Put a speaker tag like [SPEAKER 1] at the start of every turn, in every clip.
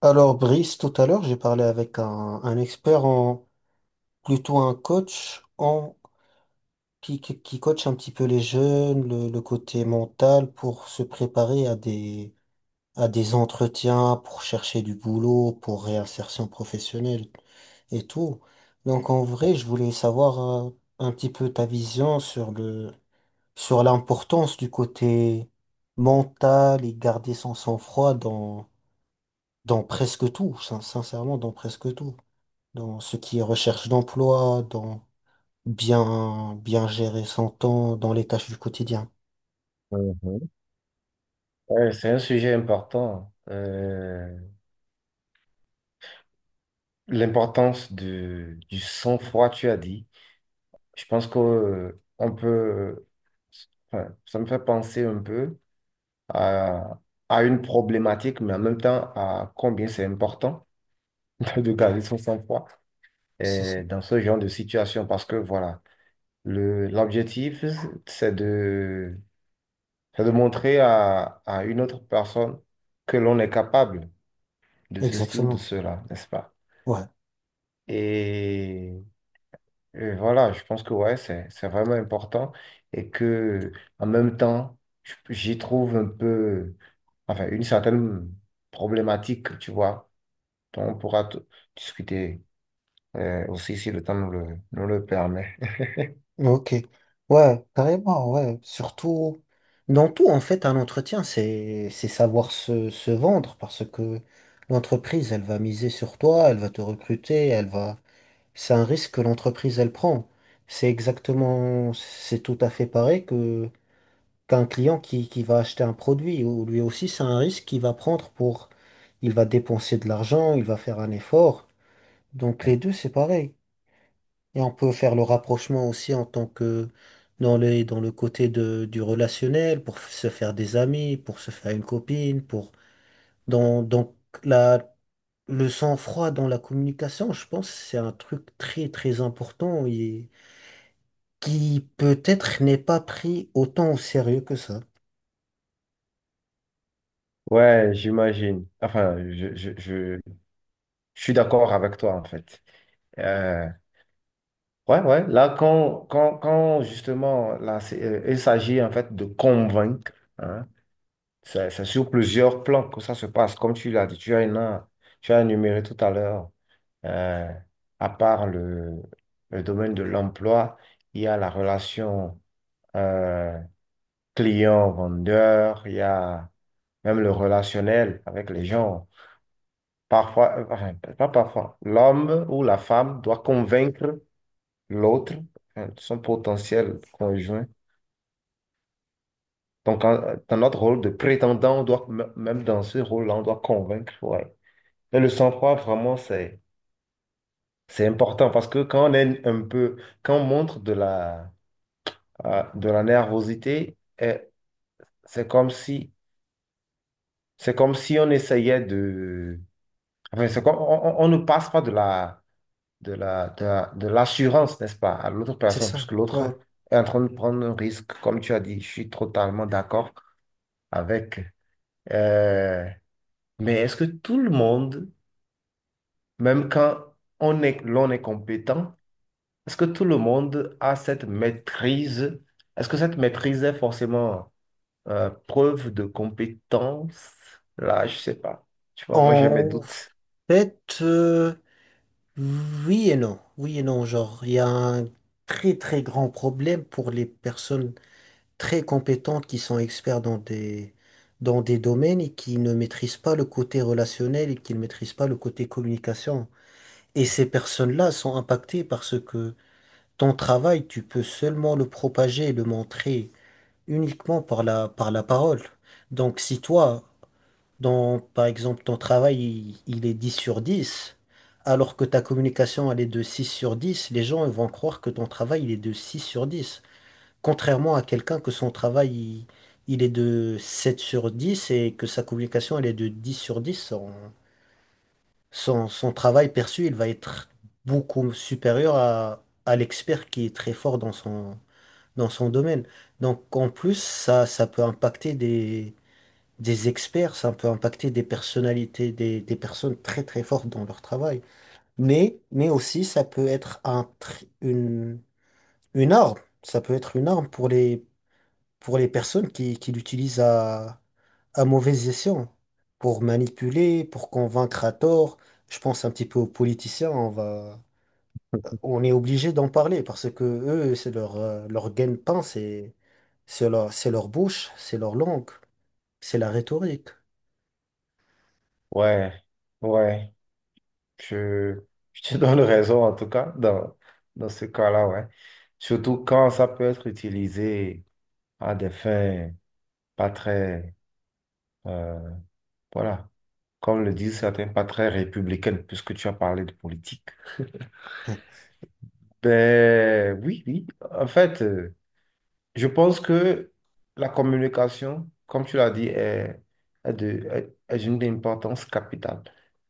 [SPEAKER 1] Alors, Brice, tout à l'heure, j'ai parlé avec un expert en, plutôt un coach en, qui coach un petit peu les jeunes, le côté mental pour se préparer à des entretiens, pour chercher du boulot, pour réinsertion professionnelle et tout. Donc, en vrai, je voulais savoir un petit peu ta vision sur sur l'importance du côté mental et garder son sang-froid dans presque tout, sincèrement, dans presque tout. Dans ce qui est recherche d'emploi, dans bien gérer son temps, dans les tâches du quotidien.
[SPEAKER 2] Mhm. Ouais, c'est un sujet important. L'importance de, du sang-froid, tu as dit. Je pense que, on peut, enfin, ça me fait penser un peu à, à une problématique, mais en même temps à combien c'est important de garder son sang-froid
[SPEAKER 1] C'est ça.
[SPEAKER 2] dans ce genre de situation. Parce que voilà, le, l'objectif, c'est de, c'est de montrer à une autre personne que l'on est capable de ceci ou de
[SPEAKER 1] Exactement.
[SPEAKER 2] cela, n'est-ce pas?
[SPEAKER 1] Ouais.
[SPEAKER 2] Et, et voilà, je pense que ouais, c'est vraiment important et que en même temps, j'y trouve un peu, enfin, une certaine problématique, tu vois, dont on pourra discuter aussi si le temps nous le permet.
[SPEAKER 1] Ok. Ouais, carrément, ouais. Surtout, dans tout, en fait, un entretien, c'est savoir se vendre parce que l'entreprise, elle va miser sur toi, elle va te recruter, elle va, c'est un risque que l'entreprise, elle prend. C'est exactement, c'est tout à fait pareil que. Qu'un client qui va acheter un produit, ou lui aussi, c'est un risque qu'il va prendre Il va dépenser de l'argent, il va faire un effort. Donc les deux, c'est pareil. Et on peut faire le rapprochement aussi en tant que dans le côté du relationnel, pour se faire des amis, pour se faire une copine. Pour... Dans, donc la, le sang-froid dans la communication, je pense, c'est un truc très, très important et qui peut-être n'est pas pris autant au sérieux que ça.
[SPEAKER 2] Ouais, j'imagine. Enfin, je suis d'accord avec toi, en fait. Euh, ouais, ouais, là, quand justement, là, il s'agit en fait de convaincre, hein. C'est sur plusieurs plans que ça se passe. Comme tu l'as dit, tu as, tu as énuméré tout à l'heure, euh, à part le domaine de l'emploi, il y a la relation euh, client-vendeur, il y a même le relationnel avec les gens. Parfois, enfin, pas parfois, l'homme ou la femme doit convaincre l'autre, son potentiel conjoint. Donc, dans notre rôle de prétendant, on doit, même dans ce rôle-là, on doit convaincre. Ouais. Et le sang-froid, vraiment, c'est important parce que quand on est un peu, quand on montre de la, ah, de la nervosité, eh, c'est comme si, c'est comme si on essayait de, enfin, c'est comme, on, on ne passe pas de la, de de l'assurance, n'est-ce pas, à l'autre
[SPEAKER 1] C'est
[SPEAKER 2] personne,
[SPEAKER 1] ça.
[SPEAKER 2] puisque
[SPEAKER 1] Ouais.
[SPEAKER 2] l'autre est en train de prendre un risque. Comme tu as dit, je suis totalement d'accord avec. euh, mais est-ce que tout le monde, même quand on est, l'on est compétent, est-ce que tout le monde a cette maîtrise? Est-ce que cette maîtrise est forcément preuve de compétence? Là, je sais pas. Tu vois, moi j'ai mes
[SPEAKER 1] En
[SPEAKER 2] doutes.
[SPEAKER 1] fait, oui et non. Oui et non, genre, il y a un très très grand problème pour les personnes très compétentes qui sont experts dans des domaines et qui ne maîtrisent pas le côté relationnel et qui ne maîtrisent pas le côté communication. Et ces personnes-là sont impactées parce que ton travail, tu peux seulement le propager et le montrer uniquement par par la parole. Donc si toi, par exemple, ton travail, il est 10/10 alors que ta communication, elle est de 6/10. Les gens ils vont croire que ton travail, il est de 6/10. Contrairement à quelqu'un que son travail, il est de 7/10 et que sa communication, elle est de 10/10. Son travail perçu, il va être beaucoup supérieur à l'expert qui est très fort dans son domaine. Donc, en plus, ça peut impacter des experts, ça peut impacter des personnalités, des personnes très très fortes dans leur travail. Mais aussi, ça peut être une arme. Ça peut être une arme pour les personnes qui l'utilisent à mauvais escient, pour manipuler, pour convaincre à tort. Je pense un petit peu aux politiciens, on est obligé d'en parler parce que eux, c'est leur gagne-pain, c'est leur bouche, c'est leur langue, c'est la rhétorique.
[SPEAKER 2] Ouais, ouais. Je, je te donne raison en tout cas dans, dans ce cas-là, ouais. Surtout quand ça peut être utilisé à des fins pas très, euh, voilà, comme le disent certains, pas très républicaines, puisque tu as parlé de politique. Ben oui, oui. En fait. Je pense que la communication, comme tu l'as dit, est, est de, est, est une importance capitale.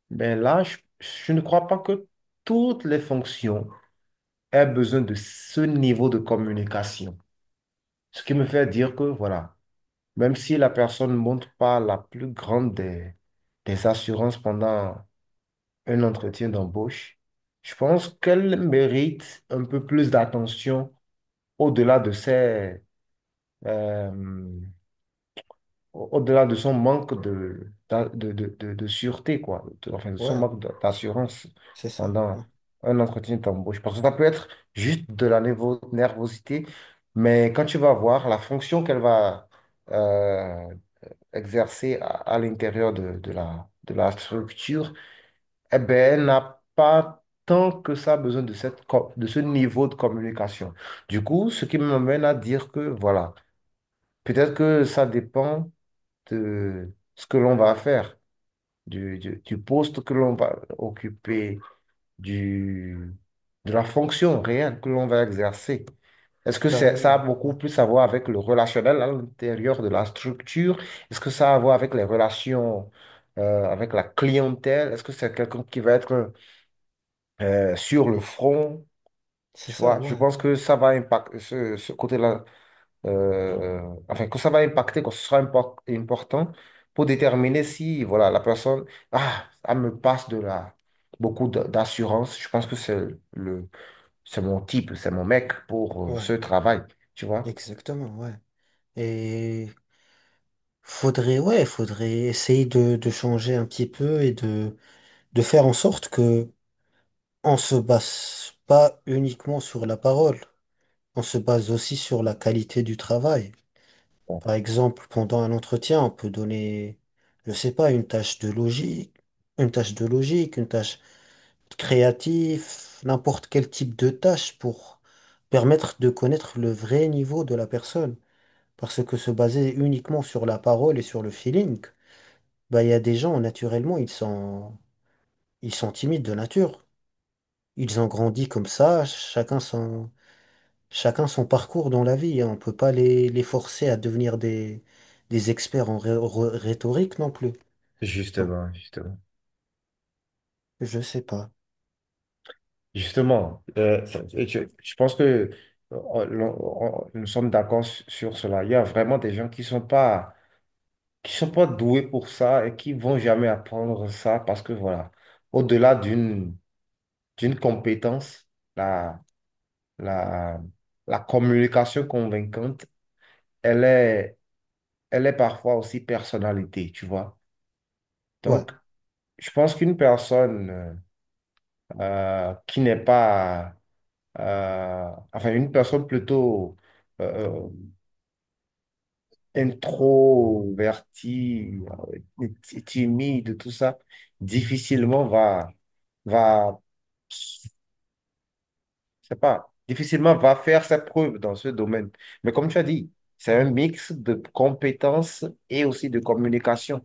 [SPEAKER 2] Mais là, je ne crois pas que toutes les fonctions aient besoin de ce niveau de communication. Ce qui me fait dire que, voilà, même si la personne ne montre pas la plus grande des assurances pendant un entretien d'embauche, je pense qu'elle mérite un peu plus d'attention au-delà de ses... euh, au- au-delà de son manque de, de sûreté, quoi, enfin de son
[SPEAKER 1] Ouais.
[SPEAKER 2] manque d'assurance
[SPEAKER 1] C'est ça,
[SPEAKER 2] pendant
[SPEAKER 1] ouais.
[SPEAKER 2] un entretien d'embauche. Parce que ça peut être juste de la nervosité, mais quand tu vas voir la fonction qu'elle va euh, exercer à l'intérieur de la structure, eh ben, elle n'a pas tant que ça besoin de cette, de ce niveau de communication. Du coup, ce qui me mène à dire que, voilà, peut-être que ça dépend de ce que l'on va faire, du, du poste que l'on va occuper, du, de la fonction réelle que l'on va exercer. Ça a
[SPEAKER 1] Carrément, ouais.
[SPEAKER 2] beaucoup plus à voir avec le relationnel à l'intérieur de la structure? Est-ce que ça a à voir avec les relations avec la clientèle? Est-ce que c'est quelqu'un qui va être sur le front?
[SPEAKER 1] C'est
[SPEAKER 2] Tu
[SPEAKER 1] ça,
[SPEAKER 2] vois, je
[SPEAKER 1] ouais,
[SPEAKER 2] pense que ça va impacter ce, ce côté-là, euh, enfin, que ça va impacter, que ce sera important pour déterminer si, voilà, la personne, ah, ça me passe de la, beaucoup d'assurance. Je pense que c'est le, c'est mon type, c'est mon mec pour
[SPEAKER 1] ouais,
[SPEAKER 2] ce travail, tu vois?
[SPEAKER 1] exactement, ouais. Et faudrait, ouais, faudrait essayer de changer un petit peu et de faire en sorte que on se base pas uniquement sur la parole, on se base aussi sur la qualité du travail.
[SPEAKER 2] Bon.
[SPEAKER 1] Par exemple, pendant un entretien, on peut donner, je sais pas, une tâche de logique, une tâche créatif, n'importe quel type de tâche pour permettre de connaître le vrai niveau de la personne. Parce que se baser uniquement sur la parole et sur le feeling, bah, il y a des gens, naturellement, ils sont timides de nature. Ils ont grandi comme ça, chacun son parcours dans la vie. On peut pas les forcer à devenir des experts en rhétorique non plus. Donc,
[SPEAKER 2] Justement, justement.
[SPEAKER 1] je sais pas.
[SPEAKER 2] Justement, je pense que nous sommes d'accord sur cela. Il y a vraiment des gens qui sont pas doués pour ça et qui vont jamais apprendre ça parce que voilà, au-delà d'une d'une compétence, la, la, la communication convaincante, elle est, elle est parfois aussi personnalité, tu vois.
[SPEAKER 1] Ouais,
[SPEAKER 2] Donc, je pense qu'une personne qui n'est pas, enfin, une personne plutôt euh, introvertie, timide, tout ça, difficilement va, va c'est pas, difficilement va faire ses preuves dans ce domaine. Mais comme tu as dit, c'est un mix de compétences et aussi de communication.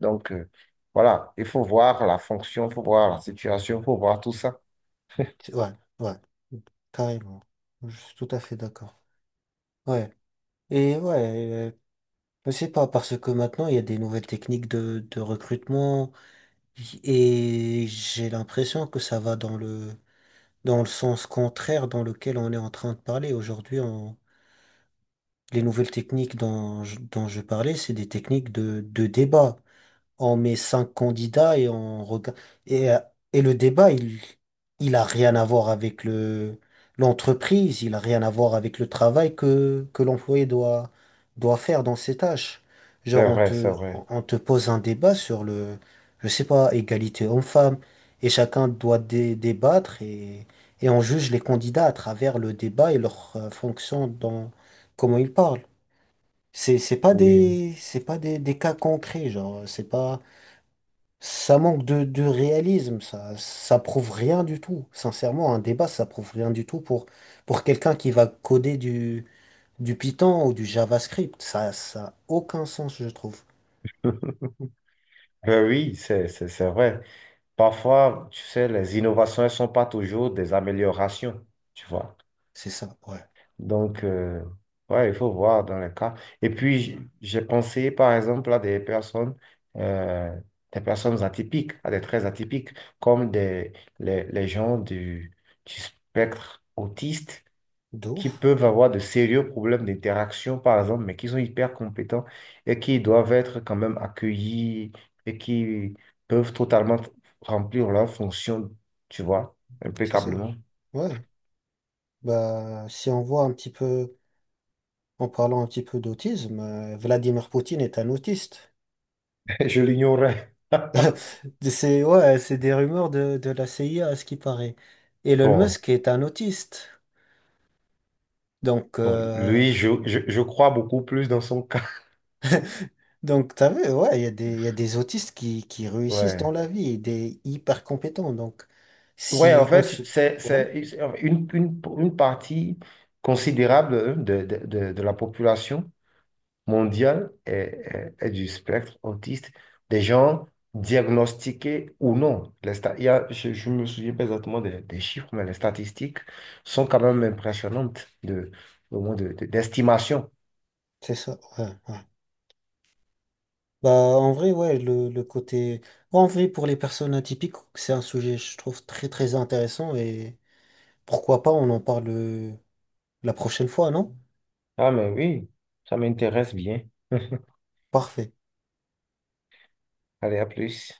[SPEAKER 2] Donc, voilà, il faut voir la fonction, il faut voir la situation, il faut voir tout ça.
[SPEAKER 1] ouais, ouais, carrément. Je suis tout à fait d'accord. Ouais. Et ouais, euh, je sais pas, parce que maintenant, il y a des nouvelles techniques de recrutement et j'ai l'impression que ça va dans le sens contraire dans lequel on est en train de parler. Aujourd'hui, les nouvelles techniques dont je parlais, c'est des techniques de débat. On met cinq candidats et on regarde. Et, euh, et le débat, il a rien à voir avec l'entreprise, il a rien à voir avec le travail que l'employé doit faire dans ses tâches. Genre,
[SPEAKER 2] C'est
[SPEAKER 1] on
[SPEAKER 2] vrai, c'est
[SPEAKER 1] te,
[SPEAKER 2] vrai.
[SPEAKER 1] on te pose un débat sur le, je sais pas, égalité homme-femme, et chacun doit débattre, et on juge les candidats à travers le débat et leur fonction dans comment ils parlent. C'est, c'est pas
[SPEAKER 2] Oui.
[SPEAKER 1] des, c'est pas des, des cas concrets, genre, c'est pas, ça manque de réalisme, ça prouve rien du tout. Sincèrement, un débat, ça prouve rien du tout pour quelqu'un qui va coder du Python ou du JavaScript. Ça a aucun sens, je trouve.
[SPEAKER 2] Ben oui, c'est vrai. Parfois, tu sais, les innovations, elles ne sont pas toujours des améliorations, tu vois.
[SPEAKER 1] C'est ça, ouais.
[SPEAKER 2] Donc, ouais, il faut voir dans les cas. Et puis, j'ai pensé, par exemple, à euh, des personnes atypiques, à des traits atypiques, comme des, les gens du spectre autiste
[SPEAKER 1] De
[SPEAKER 2] qui
[SPEAKER 1] ouf,
[SPEAKER 2] peuvent avoir de sérieux problèmes d'interaction, par exemple, mais qui sont hyper compétents et qui doivent être quand même accueillis et qui peuvent totalement remplir leur fonction, tu vois,
[SPEAKER 1] c'est ça.
[SPEAKER 2] impeccablement.
[SPEAKER 1] Ouais. Bah, si on voit un petit peu, en parlant un petit peu d'autisme, Vladimir Poutine est un autiste.
[SPEAKER 2] Je l'ignorais.
[SPEAKER 1] C'est, ouais, c'est des rumeurs de la CIA à ce qui paraît. Elon
[SPEAKER 2] Bon.
[SPEAKER 1] Musk est un autiste. Donc,
[SPEAKER 2] Bon, lui, je crois beaucoup plus dans son cas.
[SPEAKER 1] donc, t'as vu, ouais, il y a des, il y a des autistes qui réussissent dans
[SPEAKER 2] Ouais.
[SPEAKER 1] la vie et des hyper compétents. Donc.
[SPEAKER 2] Ouais, en
[SPEAKER 1] Si on
[SPEAKER 2] fait,
[SPEAKER 1] se... Ouais,
[SPEAKER 2] c'est une partie considérable hein, de la population mondiale est, est du spectre autiste, des gens diagnostiqués ou non. Les il y a- je me souviens pas exactement des chiffres, mais les statistiques sont quand même impressionnantes de, au moins de, d'estimation.
[SPEAKER 1] c'est ça. Ouais, ouais. Bah, en vrai, ouais, le côté. En vrai, pour les personnes atypiques, c'est un sujet, je trouve, très, très intéressant et pourquoi pas, on en parle la prochaine fois, non?
[SPEAKER 2] Ah, mais oui, ça m'intéresse bien.
[SPEAKER 1] Parfait.
[SPEAKER 2] Allez, à plus.